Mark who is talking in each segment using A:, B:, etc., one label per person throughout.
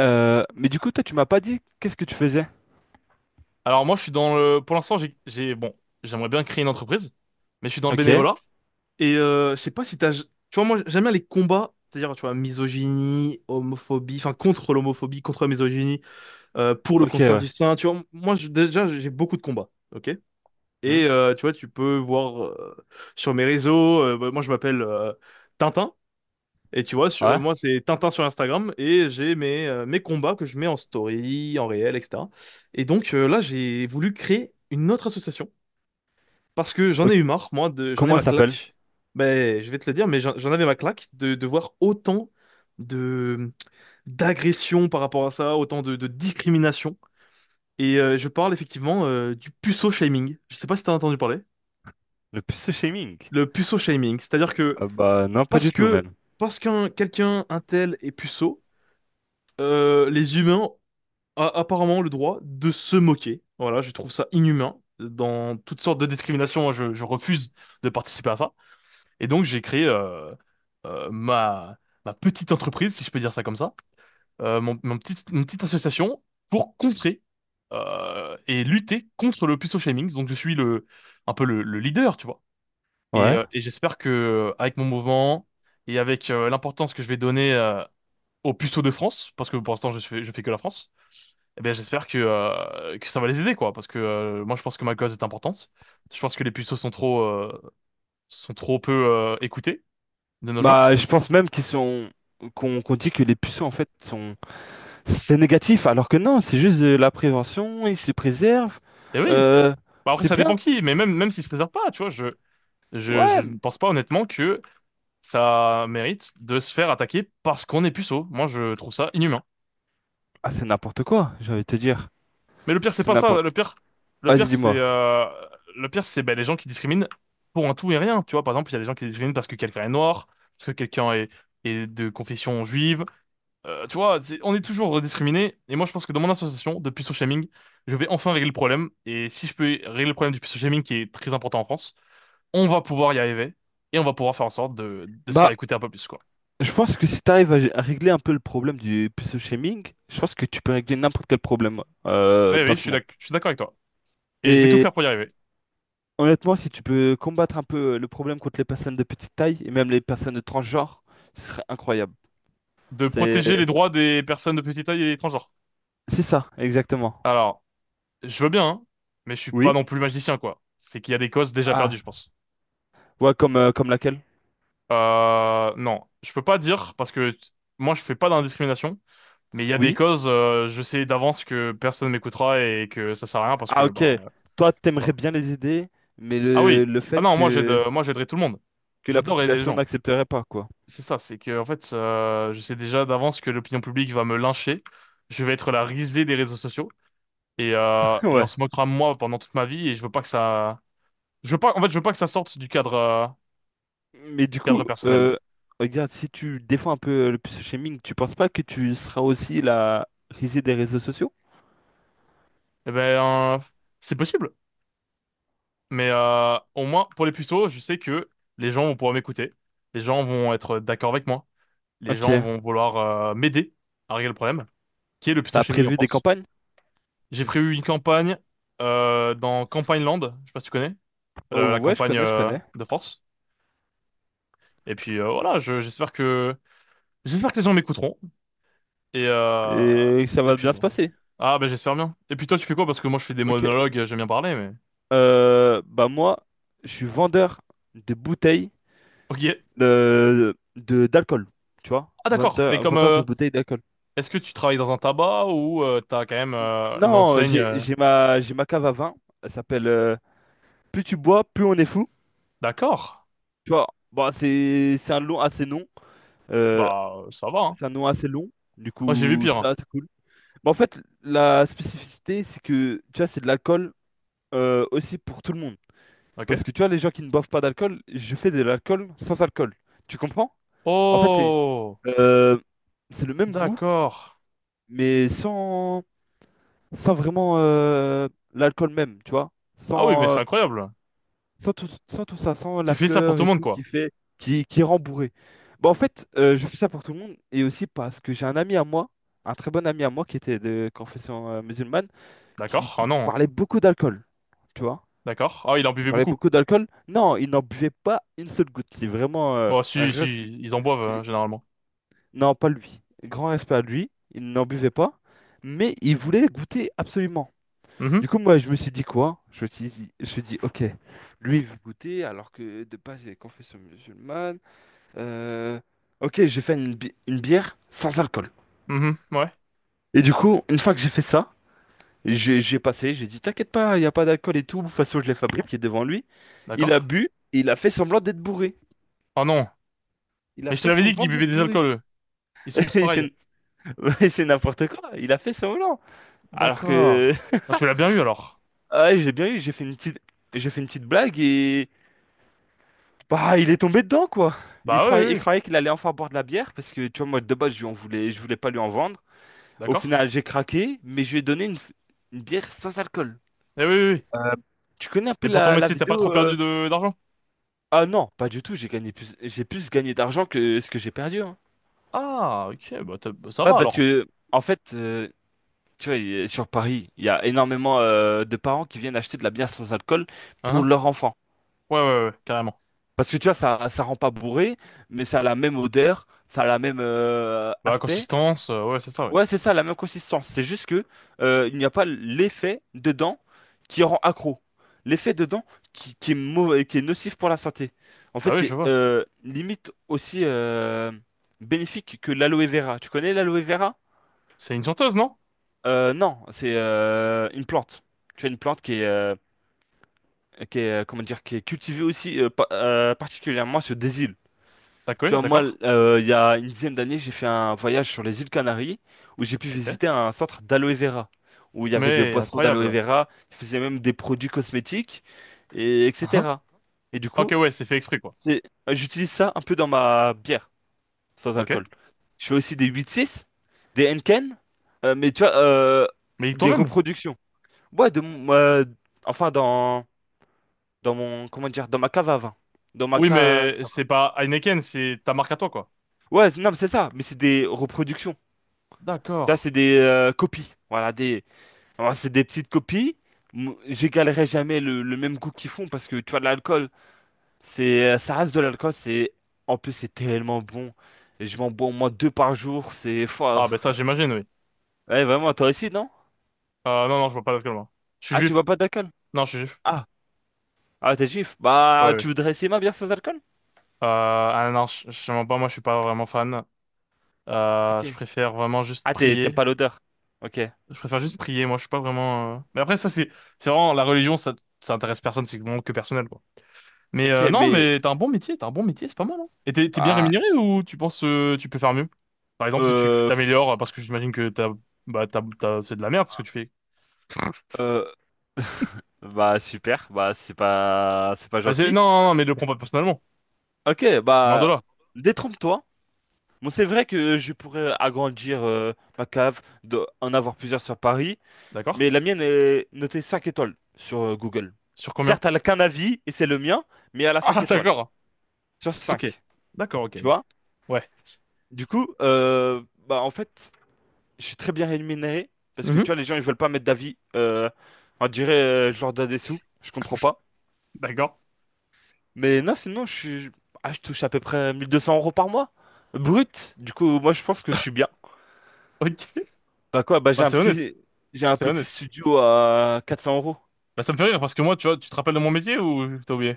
A: Mais du coup, toi, tu m'as pas dit qu'est-ce que tu faisais?
B: Alors moi, je suis dans le... Pour l'instant, j'aimerais bien créer une entreprise, mais je suis dans le
A: Ok.
B: bénévolat. Et je sais pas si t'as... Tu vois, moi, j'aime bien les combats, c'est-à-dire, tu vois, misogynie, homophobie, enfin, contre l'homophobie, contre la misogynie, pour le
A: Ok,
B: cancer
A: ouais.
B: du sein, tu vois. Déjà, j'ai beaucoup de combats, ok?
A: Hmm.
B: Et tu vois, tu peux voir sur mes réseaux, bah, moi, je m'appelle Tintin. Et tu vois,
A: Ouais.
B: moi, c'est Tintin sur Instagram et j'ai mes, mes combats que je mets en story, en réel, etc. Et donc là, j'ai voulu créer une autre association parce que j'en
A: Ok.
B: ai eu marre, moi, de, j'en ai
A: Comment
B: ma
A: ça s'appelle?
B: claque. Ben, je vais te le dire, mais j'en avais ma claque de voir autant de d'agressions par rapport à ça, autant de discrimination. Et je parle effectivement du puceau shaming. Je sais pas si t'as entendu parler.
A: Le pseudo-shaming.
B: Le puceau shaming, c'est-à-dire
A: Bah non, pas du tout
B: que
A: même.
B: parce qu'un quelqu'un un tel est puceau les humains a apparemment le droit de se moquer. Voilà, je trouve ça inhumain. Dans toutes sortes de discriminations, je refuse de participer à ça. Et donc, j'ai créé ma, ma petite entreprise, si je peux dire ça comme ça, mon, mon petit, une petite association pour contrer et lutter contre le puceau shaming. Donc, je suis le, un peu le leader, tu vois.
A: Ouais.
B: Et j'espère que avec mon mouvement et avec l'importance que je vais donner aux puceaux de France, parce que pour l'instant, je fais que la France eh bien, j'espère que ça va les aider, quoi, parce que moi, je pense que ma cause est importante. Je pense que les puceaux sont trop peu écoutés de nos jours.
A: Bah, je pense même qu'ils sont qu'on dit que les puceaux en fait sont c'est négatif alors que non, c'est juste de la prévention, ils se préservent.
B: Et oui.
A: Euh,
B: Bah, après,
A: c'est
B: ça dépend
A: bien.
B: qui, mais même, même s'ils se préservent pas, tu vois, je, je
A: Ouais.
B: ne pense pas honnêtement que ça mérite de se faire attaquer parce qu'on est puceau. Moi, je trouve ça inhumain.
A: Ah, c'est n'importe quoi, j'ai envie de te dire.
B: Mais le pire, c'est
A: C'est
B: pas
A: n'importe.
B: ça. Le pire,
A: Vas-y,
B: c'est
A: dis-moi.
B: le pire, c'est ben, les gens qui discriminent pour un tout et rien. Tu vois, par exemple, il y a des gens qui discriminent parce que quelqu'un est noir, parce que quelqu'un est, est de confession juive. Tu vois, on est toujours discriminé. Et moi, je pense que dans mon association de puceau shaming, je vais enfin régler le problème. Et si je peux régler le problème du puceau shaming, qui est très important en France, on va pouvoir y arriver. Et on va pouvoir faire en sorte de se faire
A: Bah,
B: écouter un peu plus, quoi.
A: je pense que si tu arrives à régler un peu le problème du pseudo shaming, je pense que tu peux régler n'importe quel problème
B: Oui oui,
A: dans ce monde.
B: je suis d'accord avec toi. Et je vais tout
A: Et
B: faire pour y arriver.
A: honnêtement, si tu peux combattre un peu le problème contre les personnes de petite taille et même les personnes de transgenre, ce serait incroyable.
B: De
A: C'est
B: protéger les droits des personnes de petite taille et transgenres.
A: c'est ça, exactement.
B: Alors, je veux bien, hein, mais je suis pas
A: Oui?
B: non plus magicien, quoi. C'est qu'il y a des causes déjà
A: Ah,
B: perdues, je pense.
A: ouais, comme laquelle?
B: Non, je peux pas dire, parce que moi, je fais pas d'indiscrimination. Mais il y a des
A: Oui.
B: causes, je sais d'avance que personne m'écoutera et que ça sert à rien parce
A: Ah,
B: que,
A: ok.
B: bah,
A: Toi,
B: tu
A: t'aimerais
B: vois.
A: bien les aider, mais
B: Ah
A: le,
B: oui.
A: le
B: Ah
A: fait
B: non, moi j'aide,
A: que,
B: moi j'aiderai tout le monde.
A: que la
B: J'adore aider les
A: population
B: gens.
A: n'accepterait pas, quoi.
B: C'est ça, c'est que, en fait, je sais déjà d'avance que l'opinion publique va me lyncher. Je vais être la risée des réseaux sociaux et on
A: Ouais.
B: se moquera de moi pendant toute ma vie et je veux pas que ça, je veux pas, en fait, je veux pas que ça sorte du cadre,
A: Mais du coup,
B: cadre personnel.
A: regarde, si tu défends un peu le shaming, tu penses pas que tu seras aussi la risée des réseaux sociaux?
B: Eh ben, c'est possible. Mais, au moins, pour les puceaux, je sais que les gens vont pouvoir m'écouter. Les gens vont être d'accord avec moi. Les
A: Ok.
B: gens vont vouloir m'aider à régler le problème, qui est le
A: T'as
B: phytochimie en
A: prévu des
B: France.
A: campagnes?
B: J'ai prévu une campagne dans Campagne Land, je sais pas si tu connais, la
A: Oh ouais, je
B: campagne
A: connais, je connais.
B: de France. Et puis voilà, j'espère que les gens m'écouteront. Et euh,
A: Et ça
B: et
A: va
B: puis
A: bien se
B: bon.
A: passer.
B: Ah ben j'espère bien. Et puis toi tu fais quoi? Parce que moi je fais des
A: Ok.
B: monologues, j'aime bien parler, mais.
A: Bah moi, je suis vendeur de bouteilles
B: Ok.
A: d'alcool. Tu vois?
B: Ah d'accord. Mais
A: Vendeur,
B: comme
A: vendeur de bouteilles d'alcool.
B: est-ce que tu travailles dans un tabac ou t'as quand même une
A: Non,
B: enseigne?
A: j'ai, j'ai ma, j'ai ma cave à vin. Elle s'appelle Plus tu bois, plus on est fou.
B: D'accord.
A: Tu vois? Bon, c'est un long assez long. Euh,
B: Bah ça va, hein.
A: c'est un nom assez long. Du
B: Moi j'ai vu
A: coup,
B: pire, hein.
A: ça, c'est cool. Mais en fait, la spécificité, c'est que, tu vois, c'est de l'alcool aussi pour tout le monde.
B: Ok.
A: Parce que, tu vois, les gens qui ne boivent pas d'alcool, je fais de l'alcool sans alcool. Tu comprends? En fait,
B: Oh.
A: euh, c'est le même goût,
B: D'accord.
A: mais sans vraiment l'alcool même, tu vois?
B: Ah oui, mais
A: Sans,
B: c'est
A: euh,
B: incroyable.
A: Sans tout, sans tout ça, sans
B: Tu
A: la
B: fais ça pour
A: fleur
B: tout le
A: et
B: monde,
A: tout qui
B: quoi.
A: fait, qui rend bourré. Bah, en fait, je fais ça pour tout le monde et aussi parce que j'ai un ami à moi, un très bon ami à moi qui était de confession musulmane, qui,
B: D'accord.
A: qui
B: Ah non.
A: parlait beaucoup d'alcool. Tu vois?
B: D'accord. Ah, il en
A: Il
B: buvait
A: parlait
B: beaucoup.
A: beaucoup d'alcool. Non, il n'en buvait pas une seule goutte. C'est vraiment
B: Bon, si, si, ils en boivent,
A: euh,
B: généralement.
A: non, pas lui. Grand respect à lui. Il n'en buvait pas. Mais il voulait goûter absolument. Du
B: Mhm.
A: coup, moi, je me suis dit quoi? Je me suis dit, je me suis dit, ok, lui, il veut goûter, alors que de base, il est confession musulmane. Euh, ok, j'ai fait une bière sans alcool.
B: Mhm. Ouais.
A: Et du coup, une fois que j'ai fait ça, j'ai passé, j'ai dit, t'inquiète pas, il n'y a pas d'alcool et tout. De toute façon, je l'ai fabriqué devant lui. Il a
B: D'accord.
A: bu, et il a fait semblant d'être bourré.
B: Ah non.
A: Il a
B: Mais je te
A: fait
B: l'avais dit
A: semblant
B: qu'ils buvaient
A: d'être
B: des
A: bourré.
B: alcools, eux. Ils sont tous
A: Et
B: pareils.
A: C'est Ouais, c'est n'importe quoi, il a fait semblant. Alors que,
B: D'accord. Ah, tu l'as bien eu, alors.
A: ah, ouais, j'ai bien eu, j'ai fait une petite blague et. Bah, il est tombé dedans, quoi. Il
B: Bah oui, oui,
A: croyait, il
B: oui.
A: croyait qu'il allait enfin boire de la bière parce que, tu vois, moi, de base, je lui en voulais, je voulais pas lui en vendre. Au
B: D'accord.
A: final, j'ai craqué, mais je lui ai donné une bière sans alcool.
B: Eh oui, oui, oui.
A: Euh, Tu connais un
B: Et
A: peu
B: pour ton
A: la
B: métier, t'as pas trop
A: vidéo
B: perdu de d'argent?
A: Ah non, pas du tout. J'ai plus gagné d'argent que ce que j'ai perdu, hein.
B: Ah, ok. Bah, ça
A: Ouais,
B: va,
A: parce
B: alors.
A: que, en fait, tu vois, sur Paris, il y a énormément de parents qui viennent acheter de la bière sans alcool pour
B: Hein?
A: leur enfant.
B: Ouais, ouais, ouais, carrément.
A: Parce que, tu vois, ça rend pas bourré, mais ça a la même odeur, ça a la même
B: Bah,
A: aspect.
B: consistance, ouais, c'est ça, ouais.
A: Ouais, c'est ça, la même consistance. C'est juste que il n'y a pas l'effet dedans qui rend accro. L'effet dedans qui est mauvais, qui est nocif pour la santé. En fait,
B: Bah oui, je
A: c'est
B: vois.
A: limite aussi bénéfique que l'aloe vera. Tu connais l'aloe vera?
B: C'est une chanteuse, non?
A: Non, c'est une plante. Tu as une plante comment dire, qui est cultivée aussi particulièrement sur des îles.
B: D'accord,
A: Tu
B: oui,
A: vois, moi,
B: d'accord.
A: il y a une dizaine d'années, j'ai fait un voyage sur les îles Canaries où j'ai pu
B: Ok.
A: visiter un centre d'aloe vera, où il y avait des
B: Mais
A: boissons d'aloe
B: incroyable.
A: vera, ils faisaient même des produits cosmétiques, et
B: Ah, ah.
A: etc. Et du
B: Ok,
A: coup,
B: ouais, c'est fait exprès, quoi.
A: c'est- j'utilise ça un peu dans ma bière, sans
B: Ok.
A: alcool. Je fais aussi des 8-6, des Henken, mais tu vois,
B: Mais
A: des
B: toi-même?
A: reproductions. Ouais, enfin, dans mon, comment dire, dans ma cave à vin. Dans ma
B: Oui, mais
A: cave.
B: c'est pas Heineken, c'est ta marque à toi, quoi.
A: Ouais, non, mais c'est ça, mais c'est des reproductions. Ça,
B: D'accord.
A: c'est des copies. Voilà, des... Alors, c'est des petites copies. J'égalerai jamais le même goût qu'ils font parce que tu vois, de l'alcool, ça reste de l'alcool. C'est, en plus, c'est tellement bon. Et je m'en bois au moins deux par jour. C'est
B: Ah, ben
A: fort.
B: ça, j'imagine, oui.
A: Ouais, vraiment, toi aussi, non?
B: Non, non, je bois pas d'alcool, moi. Je suis
A: Ah, tu
B: juif.
A: bois pas d'alcool?
B: Non, je suis juif.
A: Ah, ah, t'es juif.
B: Ouais,
A: Bah,
B: ouais.
A: tu voudrais essayer ma bière sans alcool?
B: Ah non, je mens pas, moi, je suis pas vraiment fan.
A: Ok.
B: Je préfère vraiment juste
A: Ah, t'aimes
B: prier.
A: pas l'odeur. Ok.
B: Je préfère juste prier, moi, je suis pas vraiment... Mais après, ça, c'est vraiment... La religion, ça intéresse personne, c'est vraiment que personnel, quoi. Mais
A: Ok,
B: non,
A: mais,
B: mais t'as un bon métier, c'est pas mal, hein. Et t'es bien
A: bah,
B: rémunéré ou tu penses tu peux faire mieux? Par exemple, si tu
A: euh,
B: t'améliores,
A: pff,
B: parce que j'imagine que t'as, bah, c'est de la merde ce que tu fais.
A: euh, bah, super. Bah, c'est pas gentil.
B: Non, non, non, mais le prends pas personnellement.
A: Ok,
B: Loin de
A: bah,
B: là.
A: détrompe-toi. Bon, c'est vrai que je pourrais agrandir ma cave, en avoir plusieurs sur Paris,
B: D'accord?
A: mais la mienne est notée 5 étoiles sur Google.
B: Sur combien?
A: Certes, elle n'a qu'un avis, et c'est le mien, mais elle a cinq
B: Ah,
A: étoiles
B: d'accord.
A: sur
B: Ok.
A: cinq.
B: D'accord, ok,
A: Tu
B: ouais.
A: vois?
B: Ouais.
A: Du coup, bah, en fait, je suis très bien rémunéré, parce que tu
B: Mhm.
A: vois, les gens, ils veulent pas mettre d'avis. On dirait, je leur donne des sous, je comprends pas.
B: D'accord.
A: Mais non, sinon, je touche à peu près 1 200 € par mois, brut. Du coup, moi, je pense que je suis bien.
B: Ok.
A: Bah quoi, bah j'ai
B: Bah,
A: un
B: c'est honnête.
A: petit, j'ai un
B: C'est
A: petit
B: honnête.
A: studio à 400 euros.
B: Bah, ça me fait rire parce que moi, tu vois, tu te rappelles de mon métier ou t'as oublié?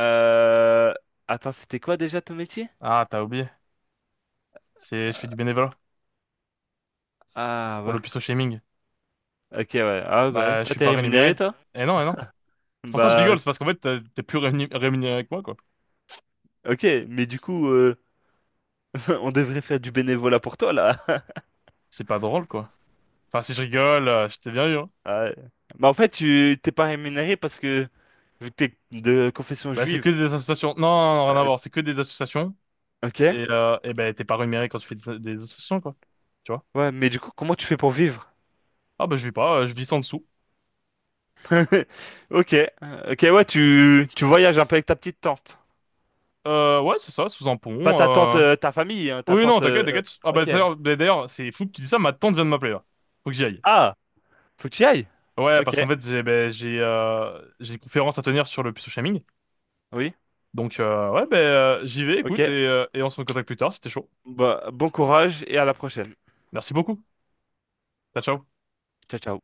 A: Euh, Attends, c'était quoi déjà ton métier?
B: Ah, t'as oublié. C'est, je fais
A: Euh,
B: du bénévolat
A: Ah
B: pour
A: ouais.
B: le puceau shaming.
A: Ok ouais. Ah bah ouais.
B: Bah, je
A: Toi,
B: suis
A: t'es
B: pas
A: rémunéré
B: rémunéré.
A: toi?
B: Eh non, eh non. C'est pour ça que je
A: Bah
B: rigole, c'est parce qu'en fait, rémunéré que moi, quoi.
A: ok, mais du coup, on devrait faire du bénévolat pour toi là.
B: C'est pas drôle, quoi. Enfin, si je rigole, je t'ai bien eu, hein.
A: Ah ouais. Bah en fait, tu t'es pas rémunéré parce que vu que t'es de confession
B: Bah, c'est que
A: juive.
B: des associations. Non, non, non, rien à
A: euh,
B: voir. C'est que des associations.
A: ok.
B: Et ben, t'es pas rémunéré quand tu fais des associations, quoi. Tu vois?
A: Ouais, mais du coup, comment tu fais pour vivre?
B: Ah, bah, je vis pas, je vis sans dessous.
A: Ok. Ok ouais, tu voyages un peu avec ta petite tante.
B: Ouais, c'est ça, sous un
A: Pas
B: pont.
A: ta tante, ta famille, hein, ta
B: Oui, non,
A: tante.
B: t'inquiète, t'inquiète. Ah,
A: Ok.
B: bah, d'ailleurs, c'est fou que tu dis ça, ma tante vient de m'appeler, là. Faut que j'y aille.
A: Ah, faut que tu y.
B: Ouais,
A: Ok,
B: parce qu'en fait, j'ai, ben, j'ai une conférence à tenir sur le pseudo shaming.
A: oui,
B: Donc, ouais, ben, j'y vais,
A: ok.
B: écoute, et on se recontacte plus tard, c'était chaud.
A: Bah, bon courage et à la prochaine.
B: Merci beaucoup. Ciao, ciao.
A: Ciao, ciao.